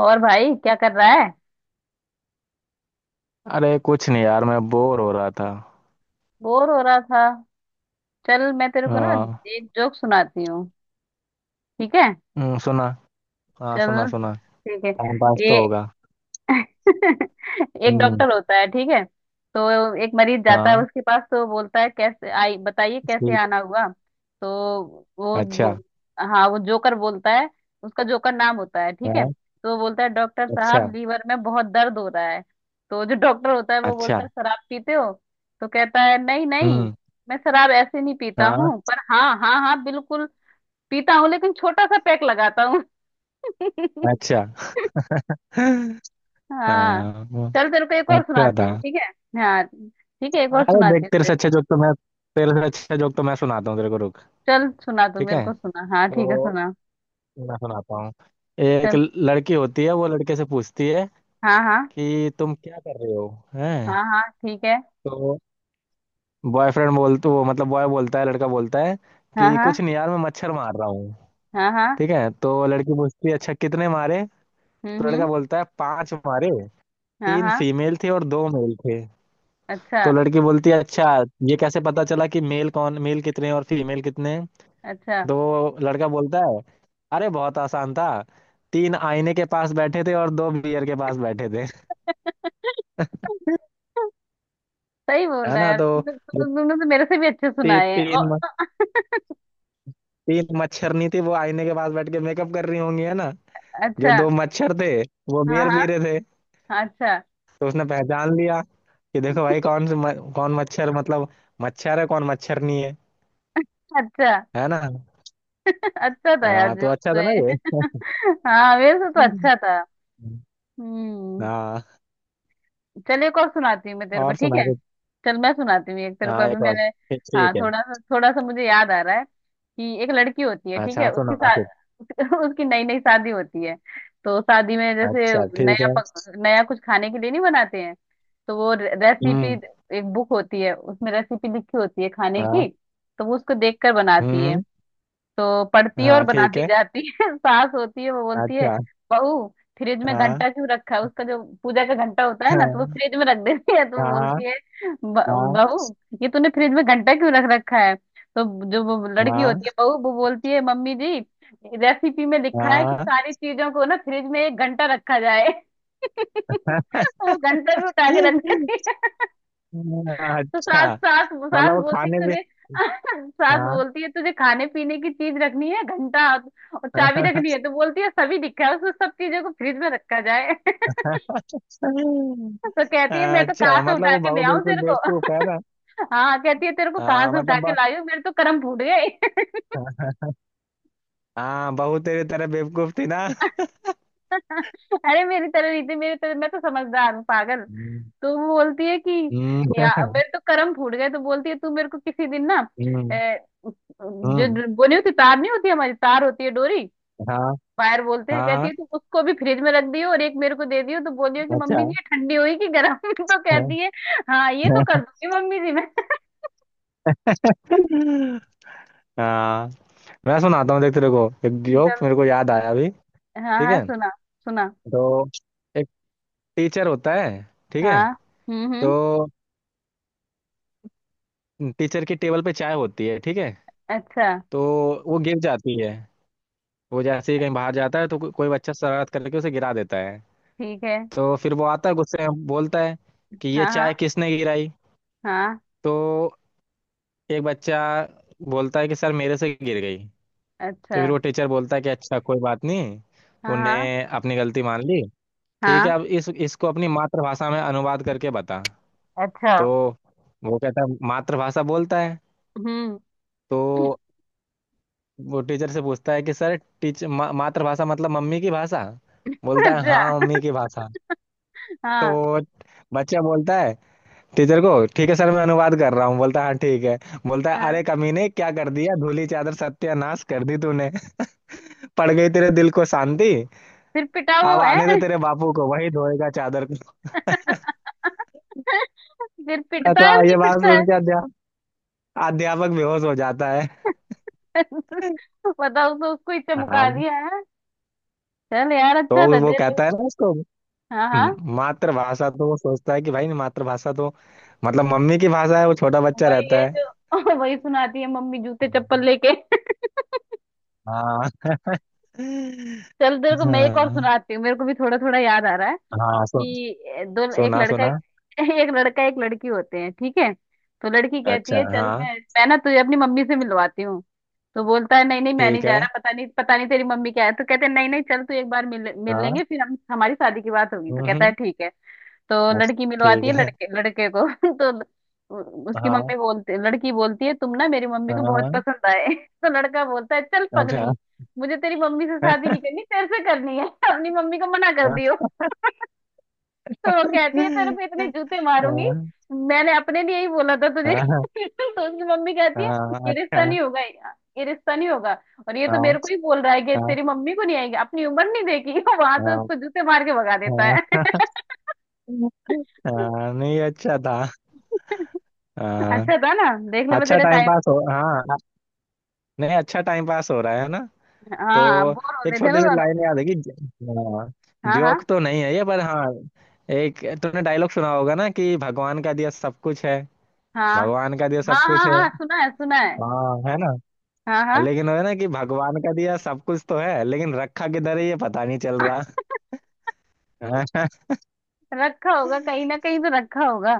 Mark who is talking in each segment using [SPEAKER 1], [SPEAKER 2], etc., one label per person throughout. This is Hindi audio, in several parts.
[SPEAKER 1] और भाई क्या कर रहा है।
[SPEAKER 2] अरे, कुछ नहीं यार, मैं बोर हो रहा था।
[SPEAKER 1] बोर हो रहा था। चल मैं तेरे को ना
[SPEAKER 2] हाँ।
[SPEAKER 1] एक जोक सुनाती हूँ, ठीक है।
[SPEAKER 2] सुना। हाँ, सुना
[SPEAKER 1] चल
[SPEAKER 2] सुना।
[SPEAKER 1] ठीक है
[SPEAKER 2] टाइम पास
[SPEAKER 1] ये
[SPEAKER 2] तो होगा।
[SPEAKER 1] एक
[SPEAKER 2] हम्म।
[SPEAKER 1] डॉक्टर होता है ठीक है। तो एक मरीज जाता है
[SPEAKER 2] हाँ,
[SPEAKER 1] उसके पास, तो बोलता है कैसे आई बताइए कैसे
[SPEAKER 2] ठीक
[SPEAKER 1] आना हुआ। तो
[SPEAKER 2] है।
[SPEAKER 1] वो
[SPEAKER 2] अच्छा।
[SPEAKER 1] बो- हाँ वो जोकर बोलता है। उसका जोकर नाम होता है ठीक है,
[SPEAKER 2] हाँ।
[SPEAKER 1] तो वो बोलता है डॉक्टर
[SPEAKER 2] अच्छा।
[SPEAKER 1] साहब लीवर में बहुत दर्द हो रहा है। तो जो डॉक्टर होता है वो
[SPEAKER 2] अच्छा।
[SPEAKER 1] बोलता है शराब पीते हो। तो कहता है नहीं नहीं,
[SPEAKER 2] हम्म।
[SPEAKER 1] मैं शराब ऐसे नहीं पीता
[SPEAKER 2] हाँ।
[SPEAKER 1] हूँ, पर हाँ हाँ हाँ बिल्कुल पीता हूँ, लेकिन छोटा सा पैक लगाता हूँ
[SPEAKER 2] अच्छा।
[SPEAKER 1] हाँ।
[SPEAKER 2] हाँ, वो
[SPEAKER 1] चल तेरे को एक और
[SPEAKER 2] अच्छा
[SPEAKER 1] सुनाती
[SPEAKER 2] था।
[SPEAKER 1] हूँ, ठीक है। हाँ ठीक है, एक और
[SPEAKER 2] अरे
[SPEAKER 1] सुनाती
[SPEAKER 2] देख,
[SPEAKER 1] हूँ
[SPEAKER 2] तेरे से अच्छा जोक तो मैं सुनाता हूँ तेरे को। रुक,
[SPEAKER 1] चल सुना, तू
[SPEAKER 2] ठीक
[SPEAKER 1] मेरे
[SPEAKER 2] है।
[SPEAKER 1] को सुना, हाँ ठीक है
[SPEAKER 2] तो
[SPEAKER 1] सुना।
[SPEAKER 2] मैं सुनाता हूँ। एक
[SPEAKER 1] चल।
[SPEAKER 2] लड़की होती है, वो लड़के से पूछती है
[SPEAKER 1] हाँ हाँ।
[SPEAKER 2] कि तुम क्या कर रहे हो। हैं।
[SPEAKER 1] हाँ हाँ ठीक है।
[SPEAKER 2] तो बॉयफ्रेंड बोल, तो वो मतलब बॉय बोलता है, लड़का बोलता है
[SPEAKER 1] हाँ
[SPEAKER 2] कि
[SPEAKER 1] हाँ।
[SPEAKER 2] कुछ नहीं यार, मैं मच्छर मार रहा हूँ।
[SPEAKER 1] हाँ हाँ।
[SPEAKER 2] ठीक है। तो लड़की पूछती है, अच्छा कितने मारे। तो
[SPEAKER 1] हम्म।
[SPEAKER 2] लड़का बोलता है पांच मारे।
[SPEAKER 1] हाँ
[SPEAKER 2] तीन
[SPEAKER 1] हाँ।
[SPEAKER 2] फीमेल थे और दो मेल थे।
[SPEAKER 1] अच्छा।
[SPEAKER 2] तो लड़की बोलती है, अच्छा ये कैसे पता चला कि मेल कितने और फीमेल कितने।
[SPEAKER 1] अच्छा।
[SPEAKER 2] तो वो लड़का बोलता है, अरे बहुत आसान था। तीन आईने के पास बैठे थे और दो बियर के पास बैठे थे।
[SPEAKER 1] सही बोल
[SPEAKER 2] है
[SPEAKER 1] रहा है
[SPEAKER 2] ना।
[SPEAKER 1] यार।
[SPEAKER 2] तो वो
[SPEAKER 1] तुमने तो मेरे से भी अच्छे सुनाए हैं। ओ,
[SPEAKER 2] तीन तीन मच्छरनी थी, वो आईने के पास बैठ के मेकअप कर रही होंगी, है ना। जो
[SPEAKER 1] अच्छा।
[SPEAKER 2] दो मच्छर थे, वो
[SPEAKER 1] हाँ
[SPEAKER 2] बियर
[SPEAKER 1] हाँ।
[SPEAKER 2] पी रहे थे।
[SPEAKER 1] अच्छा।
[SPEAKER 2] तो उसने पहचान लिया कि देखो भाई, कौन मच्छर मतलब मच्छर है, कौन मच्छर नहीं है।
[SPEAKER 1] अच्छा।
[SPEAKER 2] है ना।
[SPEAKER 1] अच्छा था यार
[SPEAKER 2] हाँ, तो
[SPEAKER 1] जो
[SPEAKER 2] अच्छा
[SPEAKER 1] तो
[SPEAKER 2] था ना
[SPEAKER 1] है।
[SPEAKER 2] ये।
[SPEAKER 1] हाँ मेरे से तो अच्छा था। हम्म।
[SPEAKER 2] हाँ,
[SPEAKER 1] चल एक और सुनाती हूँ मैं तेरे को,
[SPEAKER 2] और
[SPEAKER 1] ठीक
[SPEAKER 2] सुना
[SPEAKER 1] है।
[SPEAKER 2] कुछ।
[SPEAKER 1] चल मैं सुनाती हूँ एक तेरे को,
[SPEAKER 2] हाँ,
[SPEAKER 1] अभी
[SPEAKER 2] एक और।
[SPEAKER 1] मैंने,
[SPEAKER 2] ठीक,
[SPEAKER 1] हाँ,
[SPEAKER 2] ठीक है।
[SPEAKER 1] थोड़ा सा मुझे याद आ रहा है कि एक लड़की होती है ठीक
[SPEAKER 2] अच्छा
[SPEAKER 1] है,
[SPEAKER 2] हाँ,
[SPEAKER 1] उसकी
[SPEAKER 2] सुना कुछ।
[SPEAKER 1] साथ उसकी नई नई शादी होती है। तो शादी में जैसे
[SPEAKER 2] अच्छा, ठीक है।
[SPEAKER 1] नया कुछ खाने के लिए नहीं बनाते हैं। तो वो रेसिपी,
[SPEAKER 2] हम्म।
[SPEAKER 1] एक बुक होती है उसमें रेसिपी लिखी होती है खाने
[SPEAKER 2] हाँ।
[SPEAKER 1] की। तो वो उसको देख कर
[SPEAKER 2] हम्म,
[SPEAKER 1] बनाती है।
[SPEAKER 2] हम्म।
[SPEAKER 1] तो पड़ती है और
[SPEAKER 2] हाँ, ठीक
[SPEAKER 1] बनाती
[SPEAKER 2] है।
[SPEAKER 1] जाती है सास होती है वो बोलती है
[SPEAKER 2] अच्छा।
[SPEAKER 1] बहू फ्रिज में
[SPEAKER 2] हाँ
[SPEAKER 1] घंटा क्यों रखा है। उसका जो पूजा का घंटा होता है ना तो वो
[SPEAKER 2] हाँ
[SPEAKER 1] फ्रिज में रख देती है तो
[SPEAKER 2] हाँ
[SPEAKER 1] बोलती है "ब-
[SPEAKER 2] हाँ
[SPEAKER 1] बहू ये तूने फ्रिज में घंटा क्यों रख रखा है। तो जो वो लड़की
[SPEAKER 2] हाँ
[SPEAKER 1] होती है बहू, वो बोलती है मम्मी जी रेसिपी में लिखा है कि
[SPEAKER 2] हाँ।
[SPEAKER 1] सारी चीजों को ना फ्रिज में एक घंटा रखा जाए वो घंटा भी उठा के रख देती है।
[SPEAKER 2] हाँ।
[SPEAKER 1] तो सास
[SPEAKER 2] अच्छा,
[SPEAKER 1] सास
[SPEAKER 2] मतलब
[SPEAKER 1] सास
[SPEAKER 2] वो
[SPEAKER 1] बोलती
[SPEAKER 2] खाने
[SPEAKER 1] है
[SPEAKER 2] भी।
[SPEAKER 1] तुझे सास
[SPEAKER 2] हाँ।
[SPEAKER 1] बोलती है तुझे खाने पीने की चीज रखनी है, घंटा और चाबी रखनी है। तो बोलती है सभी दिखा है उसको सब चीजों को फ्रिज में रखा जाए तो कहती है मैं तो कहाँ
[SPEAKER 2] अच्छा,
[SPEAKER 1] से
[SPEAKER 2] मतलब
[SPEAKER 1] उठा
[SPEAKER 2] वो
[SPEAKER 1] के ले
[SPEAKER 2] बहू
[SPEAKER 1] आऊं
[SPEAKER 2] बिल्कुल
[SPEAKER 1] तेरे को
[SPEAKER 2] बेवकूफ है ना।
[SPEAKER 1] हाँ कहती है तेरे को कहाँ
[SPEAKER 2] हाँ
[SPEAKER 1] से उठा के
[SPEAKER 2] मतलब
[SPEAKER 1] लाई हूं, मेरे तो कर्म फूट गए
[SPEAKER 2] ब- हाँ, बहू तेरी तरह बेवकूफ थी ना।
[SPEAKER 1] अरे मेरी तरह रीति, मेरी तरह मैं तो समझदार हूँ पागल।
[SPEAKER 2] हम्म
[SPEAKER 1] तो वो बोलती है कि
[SPEAKER 2] हम्म।
[SPEAKER 1] या मेरे तो कर्म फूट गए। तो बोलती है तू मेरे को किसी दिन ना
[SPEAKER 2] हम्म, हम्म।
[SPEAKER 1] जो वो नहीं होती तार, नहीं होती हमारी तार होती है डोरी,
[SPEAKER 2] हाँ
[SPEAKER 1] फायर बोलते
[SPEAKER 2] हाँ
[SPEAKER 1] हैं, कहती
[SPEAKER 2] हाँ,
[SPEAKER 1] है तुम उसको भी फ्रिज में रख दियो और एक मेरे को दे दियो तो बोलियो कि मम्मी जी
[SPEAKER 2] अच्छा
[SPEAKER 1] ये ठंडी हुई कि गर्म तो
[SPEAKER 2] है।
[SPEAKER 1] कहती है हाँ ये तो कर दूंगी मम्मी जी मैं
[SPEAKER 2] हाँ, मैं सुनाता हूँ, देख तेरे को एक
[SPEAKER 1] चलो।
[SPEAKER 2] जोक मेरे को याद आया अभी।
[SPEAKER 1] हाँ
[SPEAKER 2] ठीक
[SPEAKER 1] हाँ
[SPEAKER 2] है।
[SPEAKER 1] सुना सुना।
[SPEAKER 2] तो एक टीचर होता है, ठीक है।
[SPEAKER 1] हाँ।
[SPEAKER 2] तो
[SPEAKER 1] हम्म।
[SPEAKER 2] टीचर की टेबल पे चाय होती है, ठीक है।
[SPEAKER 1] अच्छा।
[SPEAKER 2] तो वो गिर जाती है। वो जैसे ही कहीं बाहर जाता है, तो कोई बच्चा शरारत करके उसे गिरा देता है।
[SPEAKER 1] ठीक है।
[SPEAKER 2] तो फिर वो आता है, गुस्से में बोलता है कि ये
[SPEAKER 1] हाँ हाँ
[SPEAKER 2] चाय किसने गिराई।
[SPEAKER 1] हाँ।
[SPEAKER 2] तो एक बच्चा बोलता है कि सर, मेरे से गिर गई। तो
[SPEAKER 1] अच्छा।
[SPEAKER 2] फिर वो टीचर बोलता है कि अच्छा, कोई बात नहीं,
[SPEAKER 1] हाँ
[SPEAKER 2] तूने
[SPEAKER 1] हाँ
[SPEAKER 2] अपनी गलती मान ली। ठीक है,
[SPEAKER 1] हाँ।
[SPEAKER 2] अब इस इसको अपनी मातृभाषा में अनुवाद करके बता।
[SPEAKER 1] अच्छा।
[SPEAKER 2] तो वो कहता है मातृभाषा, बोलता है।
[SPEAKER 1] हम्म।
[SPEAKER 2] तो वो टीचर से पूछता है कि सर टीचर, मातृभाषा मतलब मम्मी की भाषा। बोलता है हाँ,
[SPEAKER 1] अच्छा।
[SPEAKER 2] मम्मी की भाषा।
[SPEAKER 1] हाँ
[SPEAKER 2] तो बच्चा बोलता है टीचर को, ठीक है सर, मैं अनुवाद कर रहा हूँ। बोलता है हाँ ठीक है। बोलता है,
[SPEAKER 1] हाँ।
[SPEAKER 2] अरे कमीने, क्या कर दिया, धूली चादर सत्यानाश कर दी तूने, पड़ गई तेरे दिल को शांति,
[SPEAKER 1] फिर पिटा वो
[SPEAKER 2] अब आने दे
[SPEAKER 1] है।
[SPEAKER 2] तेरे बापू को, वही धोएगा चादर को।
[SPEAKER 1] फिर पिटता
[SPEAKER 2] ऐसा
[SPEAKER 1] है नहीं
[SPEAKER 2] ये बात
[SPEAKER 1] पिटता
[SPEAKER 2] सुन
[SPEAKER 1] है।
[SPEAKER 2] के अध्यापक बेहोश हो जाता है।
[SPEAKER 1] बताओ तो उसको ही चमका
[SPEAKER 2] हाँ,
[SPEAKER 1] दिया है। चल यार
[SPEAKER 2] तो
[SPEAKER 1] अच्छा था
[SPEAKER 2] वो
[SPEAKER 1] दे रहे।
[SPEAKER 2] कहता है ना उसको,
[SPEAKER 1] हाँ हाँ।
[SPEAKER 2] मातृभाषा, तो वो सोचता है कि भाई मातृभाषा तो मतलब मम्मी की भाषा है, वो छोटा बच्चा
[SPEAKER 1] वही
[SPEAKER 2] रहता
[SPEAKER 1] है
[SPEAKER 2] है।
[SPEAKER 1] जो वही सुनाती है मम्मी जूते चप्पल लेके।
[SPEAKER 2] हाँ
[SPEAKER 1] चल तेरे को मैं एक और
[SPEAKER 2] हाँ
[SPEAKER 1] सुनाती हूँ, मेरे को भी थोड़ा थोड़ा याद आ रहा है
[SPEAKER 2] हाँ
[SPEAKER 1] कि दो एक
[SPEAKER 2] सुना
[SPEAKER 1] लड़का
[SPEAKER 2] सुना।
[SPEAKER 1] एक, एक लड़का एक लड़की होते हैं ठीक है। तो लड़की कहती
[SPEAKER 2] अच्छा,
[SPEAKER 1] है चल
[SPEAKER 2] हाँ
[SPEAKER 1] मैं ना तुझे अपनी मम्मी से मिलवाती हूँ। तो बोलता है नहीं नहीं मैं नहीं
[SPEAKER 2] ठीक
[SPEAKER 1] जा
[SPEAKER 2] है।
[SPEAKER 1] रहा, पता नहीं तेरी मम्मी क्या है। तो कहते हैं नहीं नहीं चल तू एक बार मिल मिल
[SPEAKER 2] हाँ।
[SPEAKER 1] लेंगे फिर हम हमारी शादी की बात होगी। तो
[SPEAKER 2] हम्म,
[SPEAKER 1] कहता है
[SPEAKER 2] हम्म।
[SPEAKER 1] ठीक है। तो
[SPEAKER 2] अच्छा,
[SPEAKER 1] लड़की मिलवाती
[SPEAKER 2] ठीक
[SPEAKER 1] है
[SPEAKER 2] है।
[SPEAKER 1] लड़के लड़के को तो उसकी
[SPEAKER 2] हाँ
[SPEAKER 1] मम्मी बोलती, लड़की बोलती है तुम ना मेरी मम्मी
[SPEAKER 2] हाँ
[SPEAKER 1] को बहुत
[SPEAKER 2] हाँ।
[SPEAKER 1] पसंद आए तो लड़का बोलता है चल पगली
[SPEAKER 2] अच्छा।
[SPEAKER 1] मुझे तेरी मम्मी से शादी
[SPEAKER 2] हाँ
[SPEAKER 1] नहीं करनी, तेरे से करनी है अपनी मम्मी को मना कर
[SPEAKER 2] हाँ
[SPEAKER 1] दियो तो वो कहती है तेरे को इतने जूते मारूंगी, मैंने अपने लिए ही बोला था तुझे तो उसकी मम्मी कहती है
[SPEAKER 2] हाँ,
[SPEAKER 1] ये रिश्ता
[SPEAKER 2] अच्छा।
[SPEAKER 1] नहीं होगा, ये रिश्ता नहीं होगा, और ये तो
[SPEAKER 2] हाँ
[SPEAKER 1] मेरे को ही बोल रहा है कि तेरी मम्मी को नहीं आएगी, अपनी उम्र नहीं देखी वहां से
[SPEAKER 2] हाँ
[SPEAKER 1] उसको जूते मार के भगा देता
[SPEAKER 2] हाँ
[SPEAKER 1] है
[SPEAKER 2] हाँ। हाँ, नहीं अच्छा था। हाँ,
[SPEAKER 1] अच्छा था ना। देख ले मैं
[SPEAKER 2] अच्छा
[SPEAKER 1] तेरा
[SPEAKER 2] टाइम
[SPEAKER 1] टाइम,
[SPEAKER 2] पास हो हाँ नहीं, अच्छा टाइम पास हो रहा है ना। तो
[SPEAKER 1] हाँ बोर हो
[SPEAKER 2] एक
[SPEAKER 1] रहे थे
[SPEAKER 2] छोटी
[SPEAKER 1] ना
[SPEAKER 2] सी
[SPEAKER 1] दोनों।
[SPEAKER 2] लाइन याद है कि, हाँ,
[SPEAKER 1] हाँ हाँ।
[SPEAKER 2] जोक तो नहीं है ये, पर हाँ, एक तूने डायलॉग सुना होगा ना कि भगवान का दिया सब कुछ है।
[SPEAKER 1] हाँ
[SPEAKER 2] भगवान का दिया
[SPEAKER 1] हाँ।
[SPEAKER 2] सब कुछ
[SPEAKER 1] हाँ
[SPEAKER 2] है।
[SPEAKER 1] हाँ सुना है सुना है।
[SPEAKER 2] हाँ, है ना।
[SPEAKER 1] हाँ हाँ।
[SPEAKER 2] लेकिन वो है ना कि भगवान का दिया सब कुछ तो है, लेकिन रखा किधर है ये पता नहीं चल रहा। हाँ,
[SPEAKER 1] रखा होगा, कहीं ना कहीं तो रखा होगा।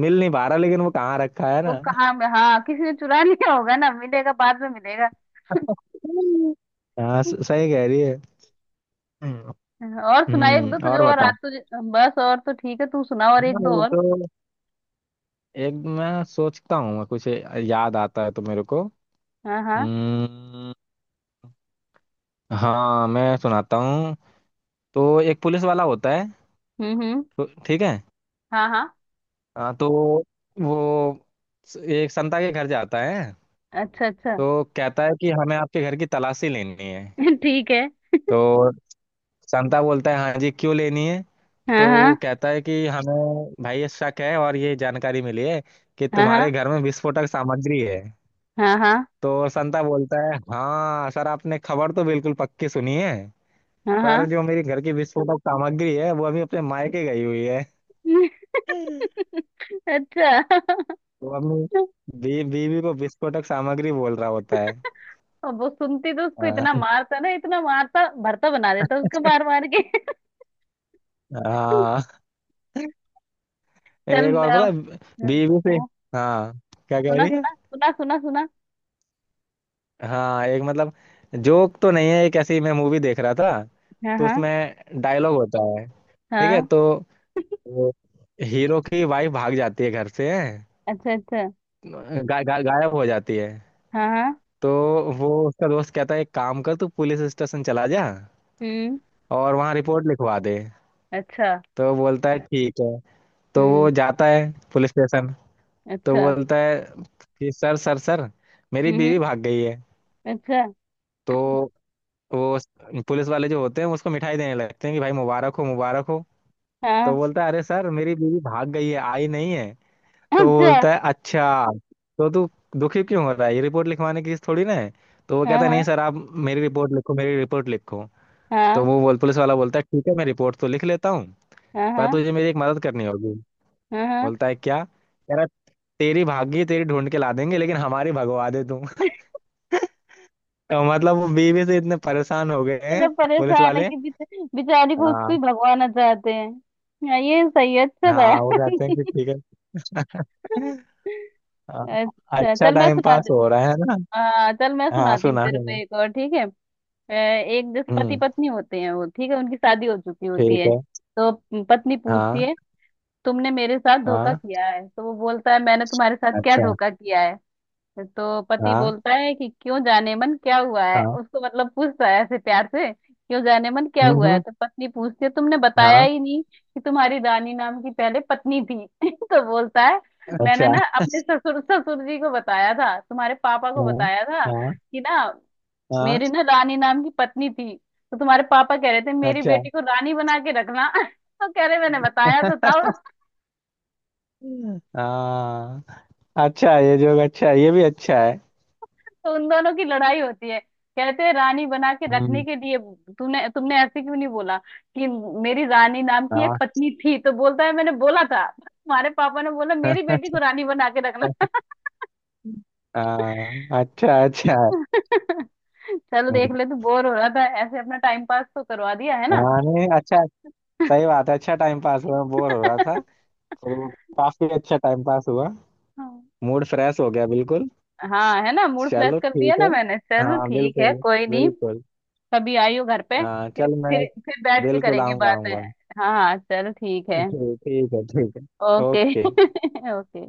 [SPEAKER 2] मिल नहीं पा रहा, लेकिन वो कहाँ रखा है
[SPEAKER 1] वो
[SPEAKER 2] ना।
[SPEAKER 1] कहाँ में हाँ किसी ने चुरा लिया होगा, ना मिलेगा बाद में मिलेगा।
[SPEAKER 2] हाँ, सही कह रही है। हम्म,
[SPEAKER 1] और सुना एक दो
[SPEAKER 2] हम्म,
[SPEAKER 1] तुझे
[SPEAKER 2] और
[SPEAKER 1] और
[SPEAKER 2] बता।
[SPEAKER 1] आज तुझे, बस, और तो ठीक है तू सुना और एक
[SPEAKER 2] हाँ,
[SPEAKER 1] दो
[SPEAKER 2] ये
[SPEAKER 1] और।
[SPEAKER 2] तो, एक मैं सोचता हूँ, मैं कुछ याद आता है तो मेरे को।
[SPEAKER 1] हाँ हाँ।
[SPEAKER 2] हम्म। हाँ, मैं सुनाता हूँ। तो एक पुलिस वाला होता है,
[SPEAKER 1] हम्म।
[SPEAKER 2] तो ठीक है।
[SPEAKER 1] हाँ हाँ।
[SPEAKER 2] हाँ, तो वो एक संता के घर जाता है।
[SPEAKER 1] अच्छा। अच्छा।
[SPEAKER 2] तो कहता है कि हमें आपके घर की तलाशी लेनी है।
[SPEAKER 1] ठीक है।
[SPEAKER 2] तो संता बोलता है, हाँ जी, क्यों लेनी है।
[SPEAKER 1] हाँ
[SPEAKER 2] तो वो
[SPEAKER 1] हाँ
[SPEAKER 2] कहता है कि हमें भाई ये शक है और ये जानकारी मिली है कि तुम्हारे
[SPEAKER 1] हाँ।
[SPEAKER 2] घर में विस्फोटक सामग्री है।
[SPEAKER 1] हाँ हाँ
[SPEAKER 2] तो संता बोलता है, हाँ सर, आपने खबर तो बिल्कुल पक्की सुनी है,
[SPEAKER 1] हाँ। हाँ
[SPEAKER 2] पर
[SPEAKER 1] हाँ।
[SPEAKER 2] जो मेरी घर की विस्फोटक सामग्री है वो अभी अपने मायके गई हुई है।
[SPEAKER 1] अच्छा।
[SPEAKER 2] वो अपनी बीवी को विस्फोटक सामग्री बोल रहा होता है।
[SPEAKER 1] और वो सुनती तो उसको
[SPEAKER 2] हाँ
[SPEAKER 1] इतना मारता ना, इतना मारता भरता बना देता उसको मार मार के।
[SPEAKER 2] हाँ,
[SPEAKER 1] चल
[SPEAKER 2] एक
[SPEAKER 1] मैं
[SPEAKER 2] और पता है,
[SPEAKER 1] अब- हाँ
[SPEAKER 2] बीवी से।
[SPEAKER 1] हाँ,
[SPEAKER 2] हाँ, क्या कह
[SPEAKER 1] सुना
[SPEAKER 2] रही है।
[SPEAKER 1] सुना सुना सुना सुना
[SPEAKER 2] हाँ, एक, मतलब जोक तो नहीं है, एक ऐसी मैं मूवी देख रहा था।
[SPEAKER 1] हाँ
[SPEAKER 2] तो
[SPEAKER 1] हाँ
[SPEAKER 2] उसमें डायलॉग होता है, ठीक है।
[SPEAKER 1] हाँ।
[SPEAKER 2] तो वो, हीरो की वाइफ भाग जाती है घर से,
[SPEAKER 1] अच्छा। अच्छा।
[SPEAKER 2] गा, गा, गायब हो जाती है।
[SPEAKER 1] हाँ हाँ।
[SPEAKER 2] तो वो उसका दोस्त कहता है, एक काम कर, तू पुलिस स्टेशन चला जा
[SPEAKER 1] हम्म।
[SPEAKER 2] और वहाँ रिपोर्ट लिखवा दे।
[SPEAKER 1] अच्छा।
[SPEAKER 2] तो बोलता है ठीक है। तो वो
[SPEAKER 1] हम्म।
[SPEAKER 2] जाता है पुलिस स्टेशन। तो
[SPEAKER 1] अच्छा।
[SPEAKER 2] बोलता है कि सर सर सर, मेरी
[SPEAKER 1] हम्म हम्म,
[SPEAKER 2] बीवी भाग गई है।
[SPEAKER 1] अच्छा।
[SPEAKER 2] तो वो पुलिस वाले जो होते हैं उसको मिठाई देने लगते हैं कि भाई मुबारक हो, मुबारक हो। तो
[SPEAKER 1] हाँ।
[SPEAKER 2] बोलता है, अरे सर, मेरी बीवी भाग गई है, आई नहीं है। तो
[SPEAKER 1] अच्छा।
[SPEAKER 2] बोलता है, अच्छा, तो तू दुखी क्यों हो रहा है, ये रिपोर्ट लिखवाने की चीज थोड़ी ना है। तो वो
[SPEAKER 1] हाँ
[SPEAKER 2] कहता है, नहीं
[SPEAKER 1] हाँ।
[SPEAKER 2] सर, आप मेरी रिपोर्ट लिखो, मेरी रिपोर्ट लिखो। तो
[SPEAKER 1] हाँ
[SPEAKER 2] वो बोल पुलिस वाला बोलता है, ठीक है मैं रिपोर्ट तो लिख लेता हूँ,
[SPEAKER 1] हाँ।
[SPEAKER 2] पर
[SPEAKER 1] हाँ
[SPEAKER 2] तुझे मेरी एक मदद करनी होगी।
[SPEAKER 1] हाँ। हाँ।
[SPEAKER 2] बोलता है क्या कह रहा। तेरी भागी तेरी ढूंढ के ला देंगे, लेकिन हमारी भगवा दे तू। तो मतलब वो बीवी से इतने परेशान हो गए
[SPEAKER 1] इतना
[SPEAKER 2] हैं, पुलिस
[SPEAKER 1] परेशान है
[SPEAKER 2] वाले।
[SPEAKER 1] कि बेचारी को उसको ही
[SPEAKER 2] हाँ
[SPEAKER 1] भगवाना चाहते हैं। हाँ, ये सही है, अच्छा
[SPEAKER 2] हाँ, वो
[SPEAKER 1] था।
[SPEAKER 2] कहते हैं कि ठीक है। हाँ,
[SPEAKER 1] अच्छा
[SPEAKER 2] अच्छा
[SPEAKER 1] चल मैं
[SPEAKER 2] टाइम पास
[SPEAKER 1] सुनाती,
[SPEAKER 2] हो रहा है ना।
[SPEAKER 1] हाँ चल मैं
[SPEAKER 2] हाँ,
[SPEAKER 1] सुनाती हूँ
[SPEAKER 2] सुना
[SPEAKER 1] तेरे को
[SPEAKER 2] सुना।
[SPEAKER 1] एक और, ठीक है। एक जैसे पति
[SPEAKER 2] हम्म,
[SPEAKER 1] पत्नी होते हैं वो ठीक है, उनकी शादी हो चुकी होती
[SPEAKER 2] ठीक
[SPEAKER 1] है।
[SPEAKER 2] है।
[SPEAKER 1] तो पत्नी पूछती
[SPEAKER 2] हाँ
[SPEAKER 1] है तुमने मेरे साथ धोखा
[SPEAKER 2] हाँ।
[SPEAKER 1] किया है। तो वो बोलता है मैंने तुम्हारे साथ क्या
[SPEAKER 2] अच्छा।
[SPEAKER 1] धोखा किया है। तो पति
[SPEAKER 2] हाँ
[SPEAKER 1] बोलता है कि क्यों जाने मन क्या हुआ है,
[SPEAKER 2] हाँ।
[SPEAKER 1] उसको मतलब पूछता है ऐसे प्यार से, क्यों जाने मन क्या
[SPEAKER 2] हम्म,
[SPEAKER 1] हुआ है। तो पत्नी पूछती है तुमने बताया
[SPEAKER 2] हाँ।
[SPEAKER 1] ही नहीं कि तुम्हारी रानी नाम की पहले पत्नी थी तो बोलता है मैंने
[SPEAKER 2] अच्छा।
[SPEAKER 1] ना अपने ससुर ससुर जी को बताया था, तुम्हारे पापा को
[SPEAKER 2] हाँ
[SPEAKER 1] बताया था
[SPEAKER 2] हाँ
[SPEAKER 1] कि ना
[SPEAKER 2] हाँ।
[SPEAKER 1] मेरी ना रानी नाम की पत्नी थी, तो तुम्हारे पापा कह रहे थे मेरी
[SPEAKER 2] अच्छा।
[SPEAKER 1] बेटी को रानी बना के रखना तो कह रहे मैंने बताया तो था
[SPEAKER 2] हाँ। अच्छा, ये जोक अच्छा है, ये भी अच्छा है।
[SPEAKER 1] तो उन दोनों की लड़ाई होती है, कहते हैं रानी बना के रखने
[SPEAKER 2] हम्म।
[SPEAKER 1] के लिए तूने तुमने ऐसे क्यों नहीं बोला कि मेरी रानी नाम की एक
[SPEAKER 2] हाँ।
[SPEAKER 1] पत्नी थी। तो बोलता है मैंने बोला था, तुम्हारे पापा ने बोला मेरी बेटी को रानी बना के रखना
[SPEAKER 2] हाँ, अच्छा, अच्छा है।
[SPEAKER 1] चल देख
[SPEAKER 2] हम्म,
[SPEAKER 1] ले तू बोर हो रहा था, ऐसे अपना टाइम पास तो करवा दिया है ना।
[SPEAKER 2] हाँ नहीं, अच्छा, सही बात है, अच्छा टाइम पास हुआ, बोर हो रहा था। तो काफी अच्छा टाइम पास हुआ, मूड फ्रेश हो गया बिल्कुल।
[SPEAKER 1] हाँ है ना, मूड फ्रेश
[SPEAKER 2] चलो,
[SPEAKER 1] कर दिया
[SPEAKER 2] ठीक
[SPEAKER 1] ना
[SPEAKER 2] है।
[SPEAKER 1] मैंने। चल
[SPEAKER 2] हाँ,
[SPEAKER 1] ठीक है
[SPEAKER 2] बिल्कुल।
[SPEAKER 1] कोई नहीं,
[SPEAKER 2] बिल्कुल।
[SPEAKER 1] कभी आई हो घर पे
[SPEAKER 2] हाँ
[SPEAKER 1] फिर
[SPEAKER 2] चल, मैं
[SPEAKER 1] फिर बैठ के
[SPEAKER 2] बिल्कुल
[SPEAKER 1] करेंगे
[SPEAKER 2] आऊंगा
[SPEAKER 1] बातें।
[SPEAKER 2] आऊंगा।
[SPEAKER 1] हाँ हाँ चल ठीक है।
[SPEAKER 2] ठीक, ठीक है। ठीक है।
[SPEAKER 1] Okay
[SPEAKER 2] okay.
[SPEAKER 1] ओके।